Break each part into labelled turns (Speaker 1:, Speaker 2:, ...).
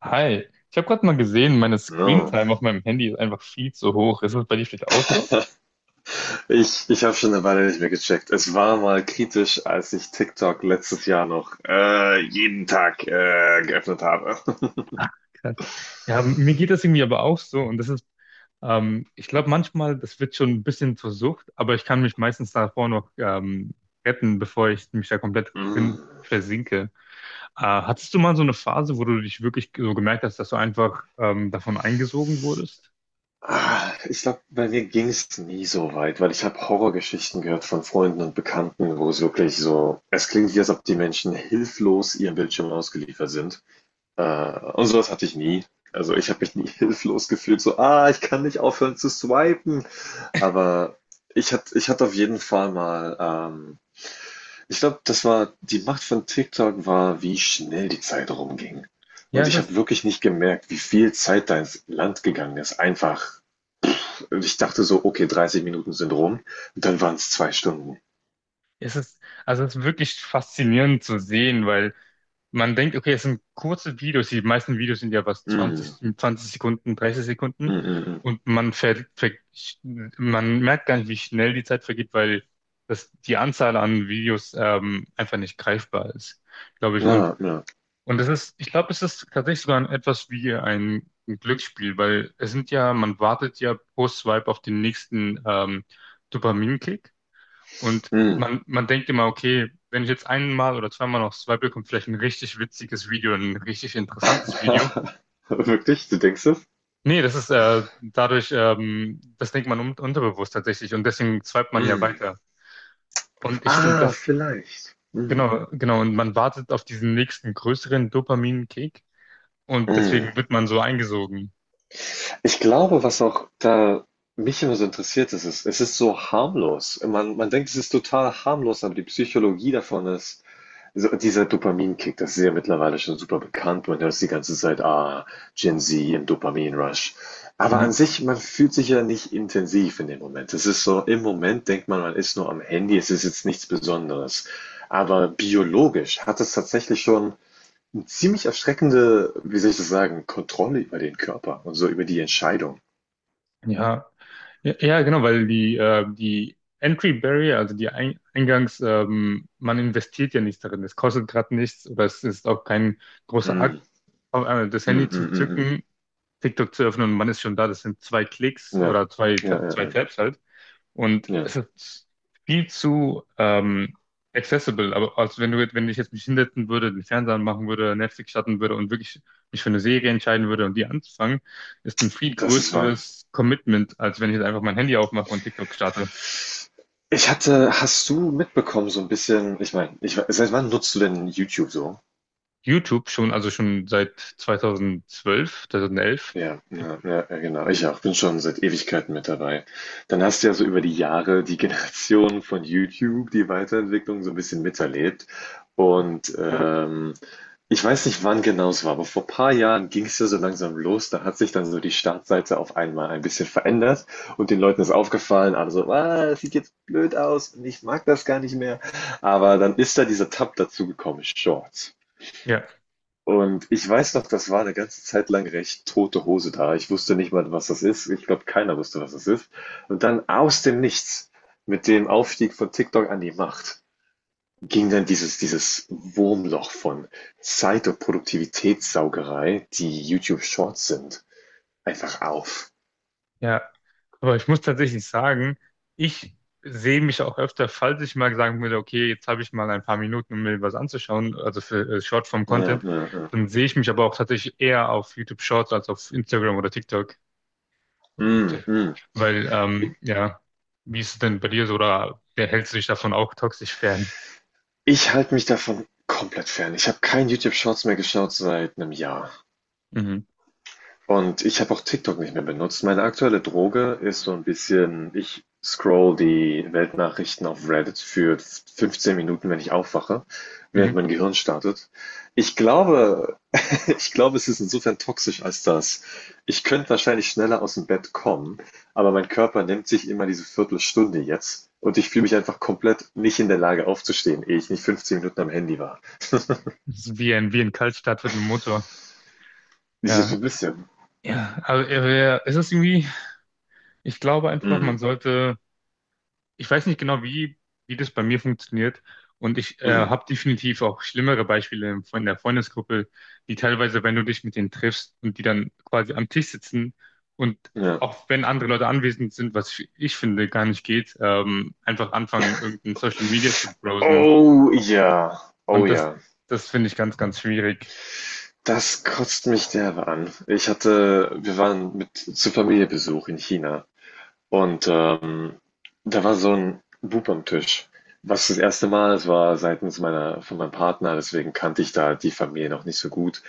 Speaker 1: Hi, ich habe gerade mal gesehen, meine
Speaker 2: No.
Speaker 1: Screentime auf meinem Handy ist einfach viel zu hoch. Ist das bei dir vielleicht auch so?
Speaker 2: Ich habe schon eine Weile nicht mehr gecheckt. Es war mal kritisch, als ich TikTok letztes Jahr noch jeden Tag geöffnet habe.
Speaker 1: Ach, krass. Ja, mir geht das irgendwie aber auch so. Und das ist, ich glaube manchmal, das wird schon ein bisschen zur Sucht, aber ich kann mich meistens davor noch retten, bevor ich mich da komplett drin
Speaker 2: Mm.
Speaker 1: versinke. Hattest du mal so eine Phase, wo du dich wirklich so gemerkt hast, dass du einfach davon eingesogen wurdest?
Speaker 2: Ich glaube, bei mir ging es nie so weit, weil ich habe Horrorgeschichten gehört von Freunden und Bekannten, wo es wirklich so, es klingt wie, als ob die Menschen hilflos ihrem Bildschirm ausgeliefert sind. Äh, und sowas hatte ich nie. Also ich habe mich nie hilflos gefühlt, so, ah, ich kann nicht aufhören zu swipen. Aber ich hatte auf jeden Fall mal, ich glaube, das war die Macht von TikTok war, wie schnell die Zeit rumging.
Speaker 1: Ja,
Speaker 2: Und
Speaker 1: es
Speaker 2: ich habe
Speaker 1: ist,
Speaker 2: wirklich nicht gemerkt, wie viel Zeit da ins Land gegangen ist. Einfach, ich dachte so, okay, 30 Minuten sind rum und dann waren es zwei Stunden.
Speaker 1: es ist, also es ist wirklich faszinierend zu sehen, weil man denkt, okay, es sind kurze Videos. Die meisten Videos sind ja was
Speaker 2: Mm,
Speaker 1: 20, 20 Sekunden, 30
Speaker 2: mm,
Speaker 1: Sekunden.
Speaker 2: mm, mm.
Speaker 1: Und man merkt gar nicht, wie schnell die Zeit vergeht, weil das, die Anzahl an Videos einfach nicht greifbar ist, glaube ich.
Speaker 2: Ja, ja,
Speaker 1: Und das ist, ich glaube, es ist tatsächlich sogar etwas wie ein Glücksspiel, weil es sind ja, man wartet ja pro Swipe auf den nächsten Dopaminkick. Und
Speaker 2: mm.
Speaker 1: man denkt immer, okay, wenn ich jetzt einmal oder zweimal noch swipe, kommt vielleicht ein richtig witziges Video, ein richtig interessantes Video.
Speaker 2: Wirklich? Du denkst es?
Speaker 1: Nee, das ist dadurch, das denkt man un unterbewusst tatsächlich und deswegen swipet man ja
Speaker 2: Mm.
Speaker 1: weiter. Und ich finde
Speaker 2: Ah,
Speaker 1: das,
Speaker 2: vielleicht.
Speaker 1: genau, genau, und man wartet auf diesen nächsten größeren Dopamin-Kick und
Speaker 2: Mm.
Speaker 1: deswegen wird man so eingesogen.
Speaker 2: Ich glaube, was auch da mich immer so interessiert, ist es, es ist so harmlos. Man denkt, es ist total harmlos, aber die Psychologie davon ist, so dieser Dopaminkick, das ist ja mittlerweile schon super bekannt. Man hört es die ganze Zeit, ah, Gen Z im Dopaminrush. Aber an
Speaker 1: Mhm.
Speaker 2: sich, man fühlt sich ja nicht intensiv in dem Moment. Es ist so, im Moment denkt man, man ist nur am Handy, es ist jetzt nichts Besonderes. Aber biologisch hat es tatsächlich schon eine ziemlich erschreckende, wie soll ich das sagen, Kontrolle über den Körper und so über die Entscheidung.
Speaker 1: Ja, ja, ja, genau, weil die Entry Barrier, also die Ein Eingangs, man investiert ja nichts darin. Es kostet gerade nichts oder es ist auch kein großer Akt,
Speaker 2: Mhm.
Speaker 1: auf einmal das Handy
Speaker 2: Mhm,
Speaker 1: zu
Speaker 2: mhm,
Speaker 1: zücken, TikTok zu öffnen und man ist schon da. Das sind zwei Klicks
Speaker 2: mhm. Ja.
Speaker 1: oder
Speaker 2: Ja, ja,
Speaker 1: Zwei
Speaker 2: ja.
Speaker 1: Tabs halt. Und es
Speaker 2: Ja,
Speaker 1: ist viel zu accessible. Aber als wenn du, wenn ich jetzt mich hinsetzen würde, den Fernseher anmachen würde, Netflix starten würde und wirklich mich für eine Serie entscheiden würde und die anzufangen, ist ein viel
Speaker 2: das ist wahr.
Speaker 1: größeres Commitment, als wenn ich jetzt einfach mein Handy aufmache und TikTok starte.
Speaker 2: Ich hatte, hast du mitbekommen, so ein bisschen, ich meine, ich, we- seit wann nutzt du denn YouTube so?
Speaker 1: YouTube schon, also schon seit 2012, 2011.
Speaker 2: Ja, ja, ja, ja, genau. Ich auch. Bin schon seit Ewigkeiten mit dabei. Dann hast du ja so über die Jahre die Generation von YouTube, die Weiterentwicklung so ein bisschen miterlebt. Und ich weiß nicht, wann genau es war, aber vor ein paar Jahren ging es ja so langsam los. Da hat sich dann so die Startseite auf einmal ein bisschen verändert und den Leuten ist aufgefallen, also ah, das sieht jetzt blöd aus und ich mag das gar nicht mehr. Aber dann ist da dieser Tab dazu gekommen, Shorts.
Speaker 1: Ja,
Speaker 2: Und ich weiß noch, das war eine ganze Zeit lang recht tote Hose da. Ich wusste nicht mal, was das ist. Ich glaube, keiner wusste, was das ist. Und dann aus dem Nichts, mit dem Aufstieg von TikTok an die Macht, ging dann dieses Wurmloch von Zeit und Produktivitätssaugerei, die YouTube Shorts sind, einfach auf.
Speaker 1: ja, aber ich muss tatsächlich sagen, ich sehe mich auch öfter, falls ich mal sagen würde, okay, jetzt habe ich mal ein paar Minuten, um mir was anzuschauen, also für
Speaker 2: Ja,
Speaker 1: Shortform-Content,
Speaker 2: ja, ja.
Speaker 1: dann sehe ich mich aber auch tatsächlich eher auf YouTube Shorts als auf Instagram oder TikTok.
Speaker 2: Mhm, mhm.
Speaker 1: Weil, ja, wie ist es denn bei dir so, oder wer hältst du dich davon auch toxisch fern?
Speaker 2: Ich halte mich davon komplett fern. Ich habe kein YouTube Shorts mehr geschaut seit 'nem Jahr.
Speaker 1: Mhm.
Speaker 2: Und ich habe auch TikTok nicht mehr benutzt. Meine aktuelle Droge ist so ein bisschen, ich scroll die Weltnachrichten auf Reddit für 15 Minuten, wenn ich aufwache,
Speaker 1: Mhm.
Speaker 2: während mein Gehirn startet. Ich glaube, ich glaube, es ist insofern toxisch als das. Ich könnte wahrscheinlich schneller aus dem Bett kommen, aber mein Körper nimmt sich immer diese Viertelstunde jetzt und ich fühle mich einfach komplett nicht in der Lage aufzustehen, ehe ich nicht 15 Minuten am Handy war.
Speaker 1: Das ist wie wie ein Kaltstart mit einem Motor.
Speaker 2: Ich so
Speaker 1: Ja,
Speaker 2: ein bisschen.
Speaker 1: ja, also es ist irgendwie, ich glaube einfach, man
Speaker 2: Mm,
Speaker 1: sollte, ich weiß nicht genau, wie das bei mir funktioniert. Und ich
Speaker 2: mm,
Speaker 1: habe definitiv auch schlimmere Beispiele von der Freundesgruppe, die teilweise, wenn du dich mit denen triffst und die dann quasi am Tisch sitzen und
Speaker 2: ja.
Speaker 1: auch wenn andere Leute anwesend sind, was ich finde gar nicht geht, einfach anfangen, irgendein Social Media zu browsen.
Speaker 2: Oh ja, oh
Speaker 1: Und
Speaker 2: ja.
Speaker 1: das finde ich ganz schwierig.
Speaker 2: Das kotzt mich derbe an. Ich hatte wir waren mit zu Familienbesuch in China und, da war so ein Bub am Tisch, was das erste Mal es war seitens meiner von meinem Partner, deswegen kannte ich da die Familie noch nicht so gut.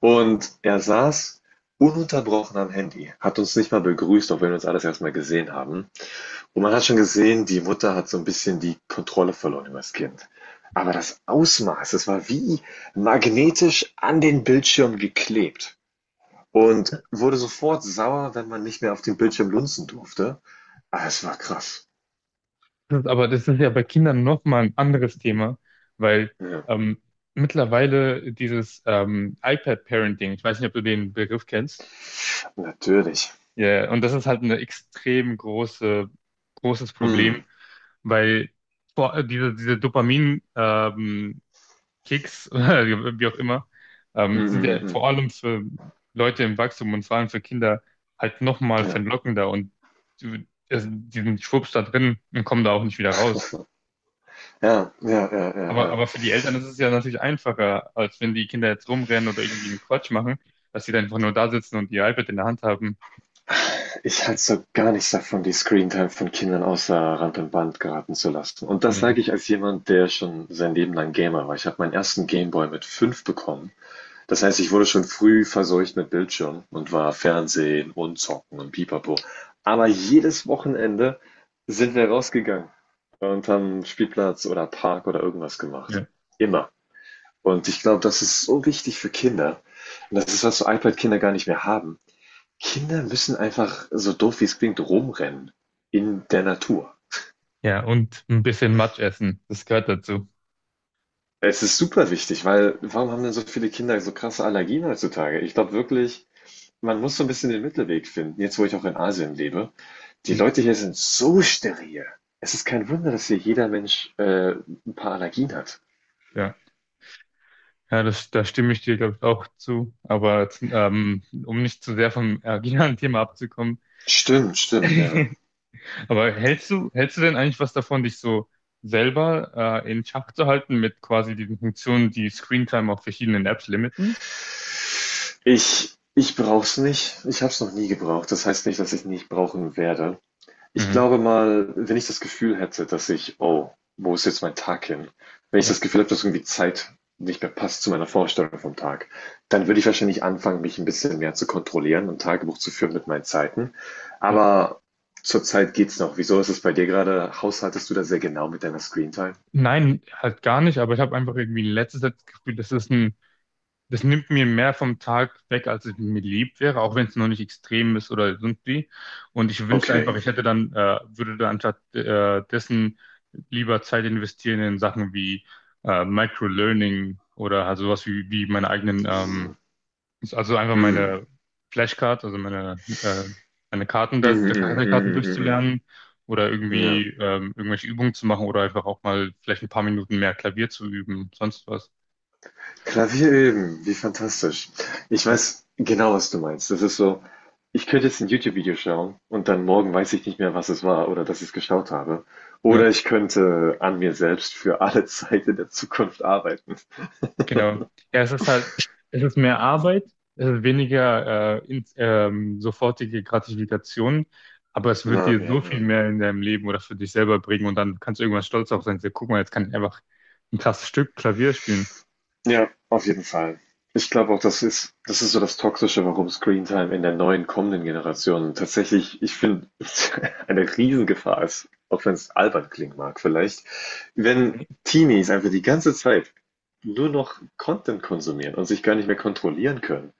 Speaker 2: Und er saß ununterbrochen am Handy, hat uns nicht mal begrüßt, auch wenn wir uns alles erst mal gesehen haben. Und man hat schon gesehen, die Mutter hat so ein bisschen die Kontrolle verloren über das Kind. Aber das Ausmaß, das war wie magnetisch an den Bildschirm geklebt und wurde sofort sauer, wenn man nicht mehr auf dem Bildschirm lunzen durfte. Ah, es war krass.
Speaker 1: Das, ist aber das ist ja bei Kindern nochmal ein anderes Thema, weil
Speaker 2: Ja,
Speaker 1: ähm, mittlerweile dieses iPad-Parenting, ich weiß nicht, ob du den Begriff kennst.
Speaker 2: natürlich.
Speaker 1: Ja, ja, und das ist halt ein großes Problem,
Speaker 2: Mhm.
Speaker 1: weil diese, diese Dopamin, Kicks, oder wie auch immer,
Speaker 2: Mhm,
Speaker 1: sind
Speaker 2: mhm,
Speaker 1: ja
Speaker 2: mhm.
Speaker 1: vor allem für Leute im Wachstum und vor allem für Kinder halt nochmal
Speaker 2: Ja.
Speaker 1: verlockender und also die sind schwupps da drin und kommen da auch nicht wieder raus.
Speaker 2: Ja, ja, ja, ja, ja.
Speaker 1: Aber für die Eltern ist es ja natürlich einfacher, als wenn die Kinder jetzt rumrennen oder irgendwie einen Quatsch machen, dass sie dann einfach nur da sitzen und ihr iPad in der Hand haben.
Speaker 2: Ich halte so gar nichts davon, die Screentime von Kindern außer Rand und Band geraten zu lassen. Und das sage
Speaker 1: Nee.
Speaker 2: ich als jemand, der schon sein Leben lang Gamer war. Ich habe meinen ersten Gameboy mit fünf bekommen. Das heißt, ich wurde schon früh verseucht mit Bildschirm und war Fernsehen und Zocken und Pipapo. Aber jedes Wochenende sind wir rausgegangen und haben Spielplatz oder Park oder irgendwas gemacht. Immer. Und ich glaube, das ist so wichtig für Kinder. Und das ist, was so iPad-Kinder gar nicht mehr haben. Kinder müssen einfach, so doof wie es klingt, rumrennen in der Natur.
Speaker 1: Ja, und ein bisschen Matsch essen, das gehört dazu.
Speaker 2: Es ist super wichtig, weil warum haben denn so viele Kinder so krasse Allergien heutzutage? Ich glaube wirklich, man muss so ein bisschen den Mittelweg finden. Jetzt, wo ich auch in Asien lebe, die
Speaker 1: Hm,
Speaker 2: Leute hier sind so steril. Es ist kein Wunder, dass hier jeder Mensch, 'n paar Allergien hat.
Speaker 1: ja, ja das, da stimme ich dir, glaube ich, auch zu. Aber jetzt, um nicht zu sehr vom originalen Thema abzukommen,
Speaker 2: Stimmt, stimmt, ja.
Speaker 1: aber hältst du denn eigentlich was davon, dich so selber in Schach zu halten mit quasi diesen Funktionen, die Screentime auf verschiedenen Apps limiten?
Speaker 2: Ich ich brauche es nicht. Ich habe es noch nie gebraucht. Das heißt nicht, dass ich nicht brauchen werde. Ich
Speaker 1: Mhm.
Speaker 2: glaube mal, wenn ich das Gefühl hätte, dass ich oh, wo ist jetzt mein Tag hin? Wenn ich
Speaker 1: Ja,
Speaker 2: das Gefühl habe, dass irgendwie Zeit nicht mehr passt zu meiner Vorstellung vom Tag, dann würde ich wahrscheinlich anfangen, mich ein bisschen mehr zu kontrollieren und Tagebuch zu führen mit meinen Zeiten.
Speaker 1: ja.
Speaker 2: Aber zurzeit geht's noch. Wieso ist es bei dir gerade? Haushaltest du da sehr genau mit deiner Screentime?
Speaker 1: Nein, halt gar nicht, aber ich habe einfach irgendwie in letzter Zeit das Gefühl, das ist ein das nimmt mir mehr vom Tag weg, als es mir lieb wäre, auch wenn es noch nicht extrem ist oder irgendwie. Und ich wünschte
Speaker 2: Okay.
Speaker 1: einfach, würde dann anstatt dessen lieber Zeit investieren in Sachen wie Microlearning oder halt sowas wie meine eigenen,
Speaker 2: Mhm.
Speaker 1: also einfach
Speaker 2: Mhm.
Speaker 1: meine Flashcards, also meine Karten da,
Speaker 2: Mhm,
Speaker 1: der
Speaker 2: mhm,
Speaker 1: Karten
Speaker 2: mhm, mhm,
Speaker 1: durchzulernen oder
Speaker 2: mhm. Ja.
Speaker 1: irgendwie irgendwelche Übungen zu machen oder einfach auch mal vielleicht ein paar Minuten mehr Klavier zu üben, sonst was.
Speaker 2: Klavier üben, wie fantastisch. Ich weiß genau, was du meinst. Das ist so, ich könnte jetzt ein YouTube-Video schauen und dann morgen weiß ich nicht mehr, was es war oder dass ich es geschaut habe.
Speaker 1: Ja.
Speaker 2: Oder ich könnte an mir selbst für alle Zeit in der Zukunft arbeiten.
Speaker 1: Genau. Ja, es ist halt, es ist mehr Arbeit, es ist weniger sofortige Gratifikation, aber es wird
Speaker 2: Ja,
Speaker 1: dir
Speaker 2: ja,
Speaker 1: so viel
Speaker 2: ja.
Speaker 1: mehr in deinem Leben oder für dich selber bringen und dann kannst du irgendwann stolz darauf sein, so, guck mal, jetzt kann ich einfach ein krasses Stück Klavier spielen.
Speaker 2: Ja, auf jeden Fall. Ich glaube auch, das ist so das Toxische, warum Screentime in der neuen kommenden Generation tatsächlich, ich finde, eine Riesengefahr ist, auch wenn es albern klingen mag vielleicht, wenn Teenies einfach die ganze Zeit nur noch Content konsumieren und sich gar nicht mehr kontrollieren können,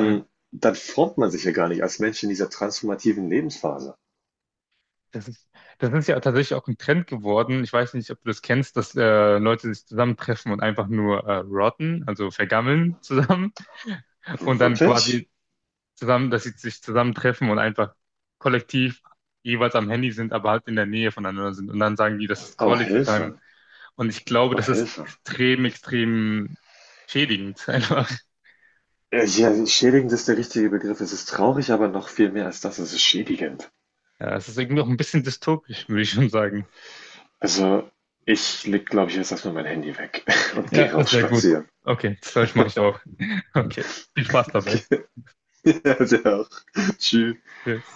Speaker 1: Ja,
Speaker 2: dann formt man sich ja gar nicht als Mensch in dieser transformativen Lebensphase.
Speaker 1: das ist, das ist ja tatsächlich auch ein Trend geworden. Ich weiß nicht, ob du das kennst, dass Leute sich zusammentreffen und einfach nur rotten, also vergammeln zusammen und dann
Speaker 2: Wirklich?
Speaker 1: quasi zusammen, dass sie sich zusammentreffen und einfach kollektiv jeweils am Handy sind, aber halt in der Nähe voneinander sind. Und dann sagen die, das ist
Speaker 2: Oh,
Speaker 1: Quality Time.
Speaker 2: Hilfe.
Speaker 1: Und ich glaube,
Speaker 2: Oh,
Speaker 1: das ist
Speaker 2: Hilfe.
Speaker 1: extrem, extrem schädigend einfach.
Speaker 2: Ja, ja, schädigend ist der richtige Begriff. Es ist traurig, aber noch viel mehr als das. Es ist schädigend.
Speaker 1: Ja, es ist irgendwie auch ein bisschen dystopisch, würde ich schon sagen.
Speaker 2: Also, ich leg, glaube ich, jetzt erstmal mein Handy weg und
Speaker 1: Ja,
Speaker 2: gehe
Speaker 1: das
Speaker 2: raus
Speaker 1: wäre gut.
Speaker 2: spazieren.
Speaker 1: Okay, das glaube ich, mache ich auch. Okay, viel Spaß dabei.
Speaker 2: Ja, der auch. Tschüss.
Speaker 1: Tschüss.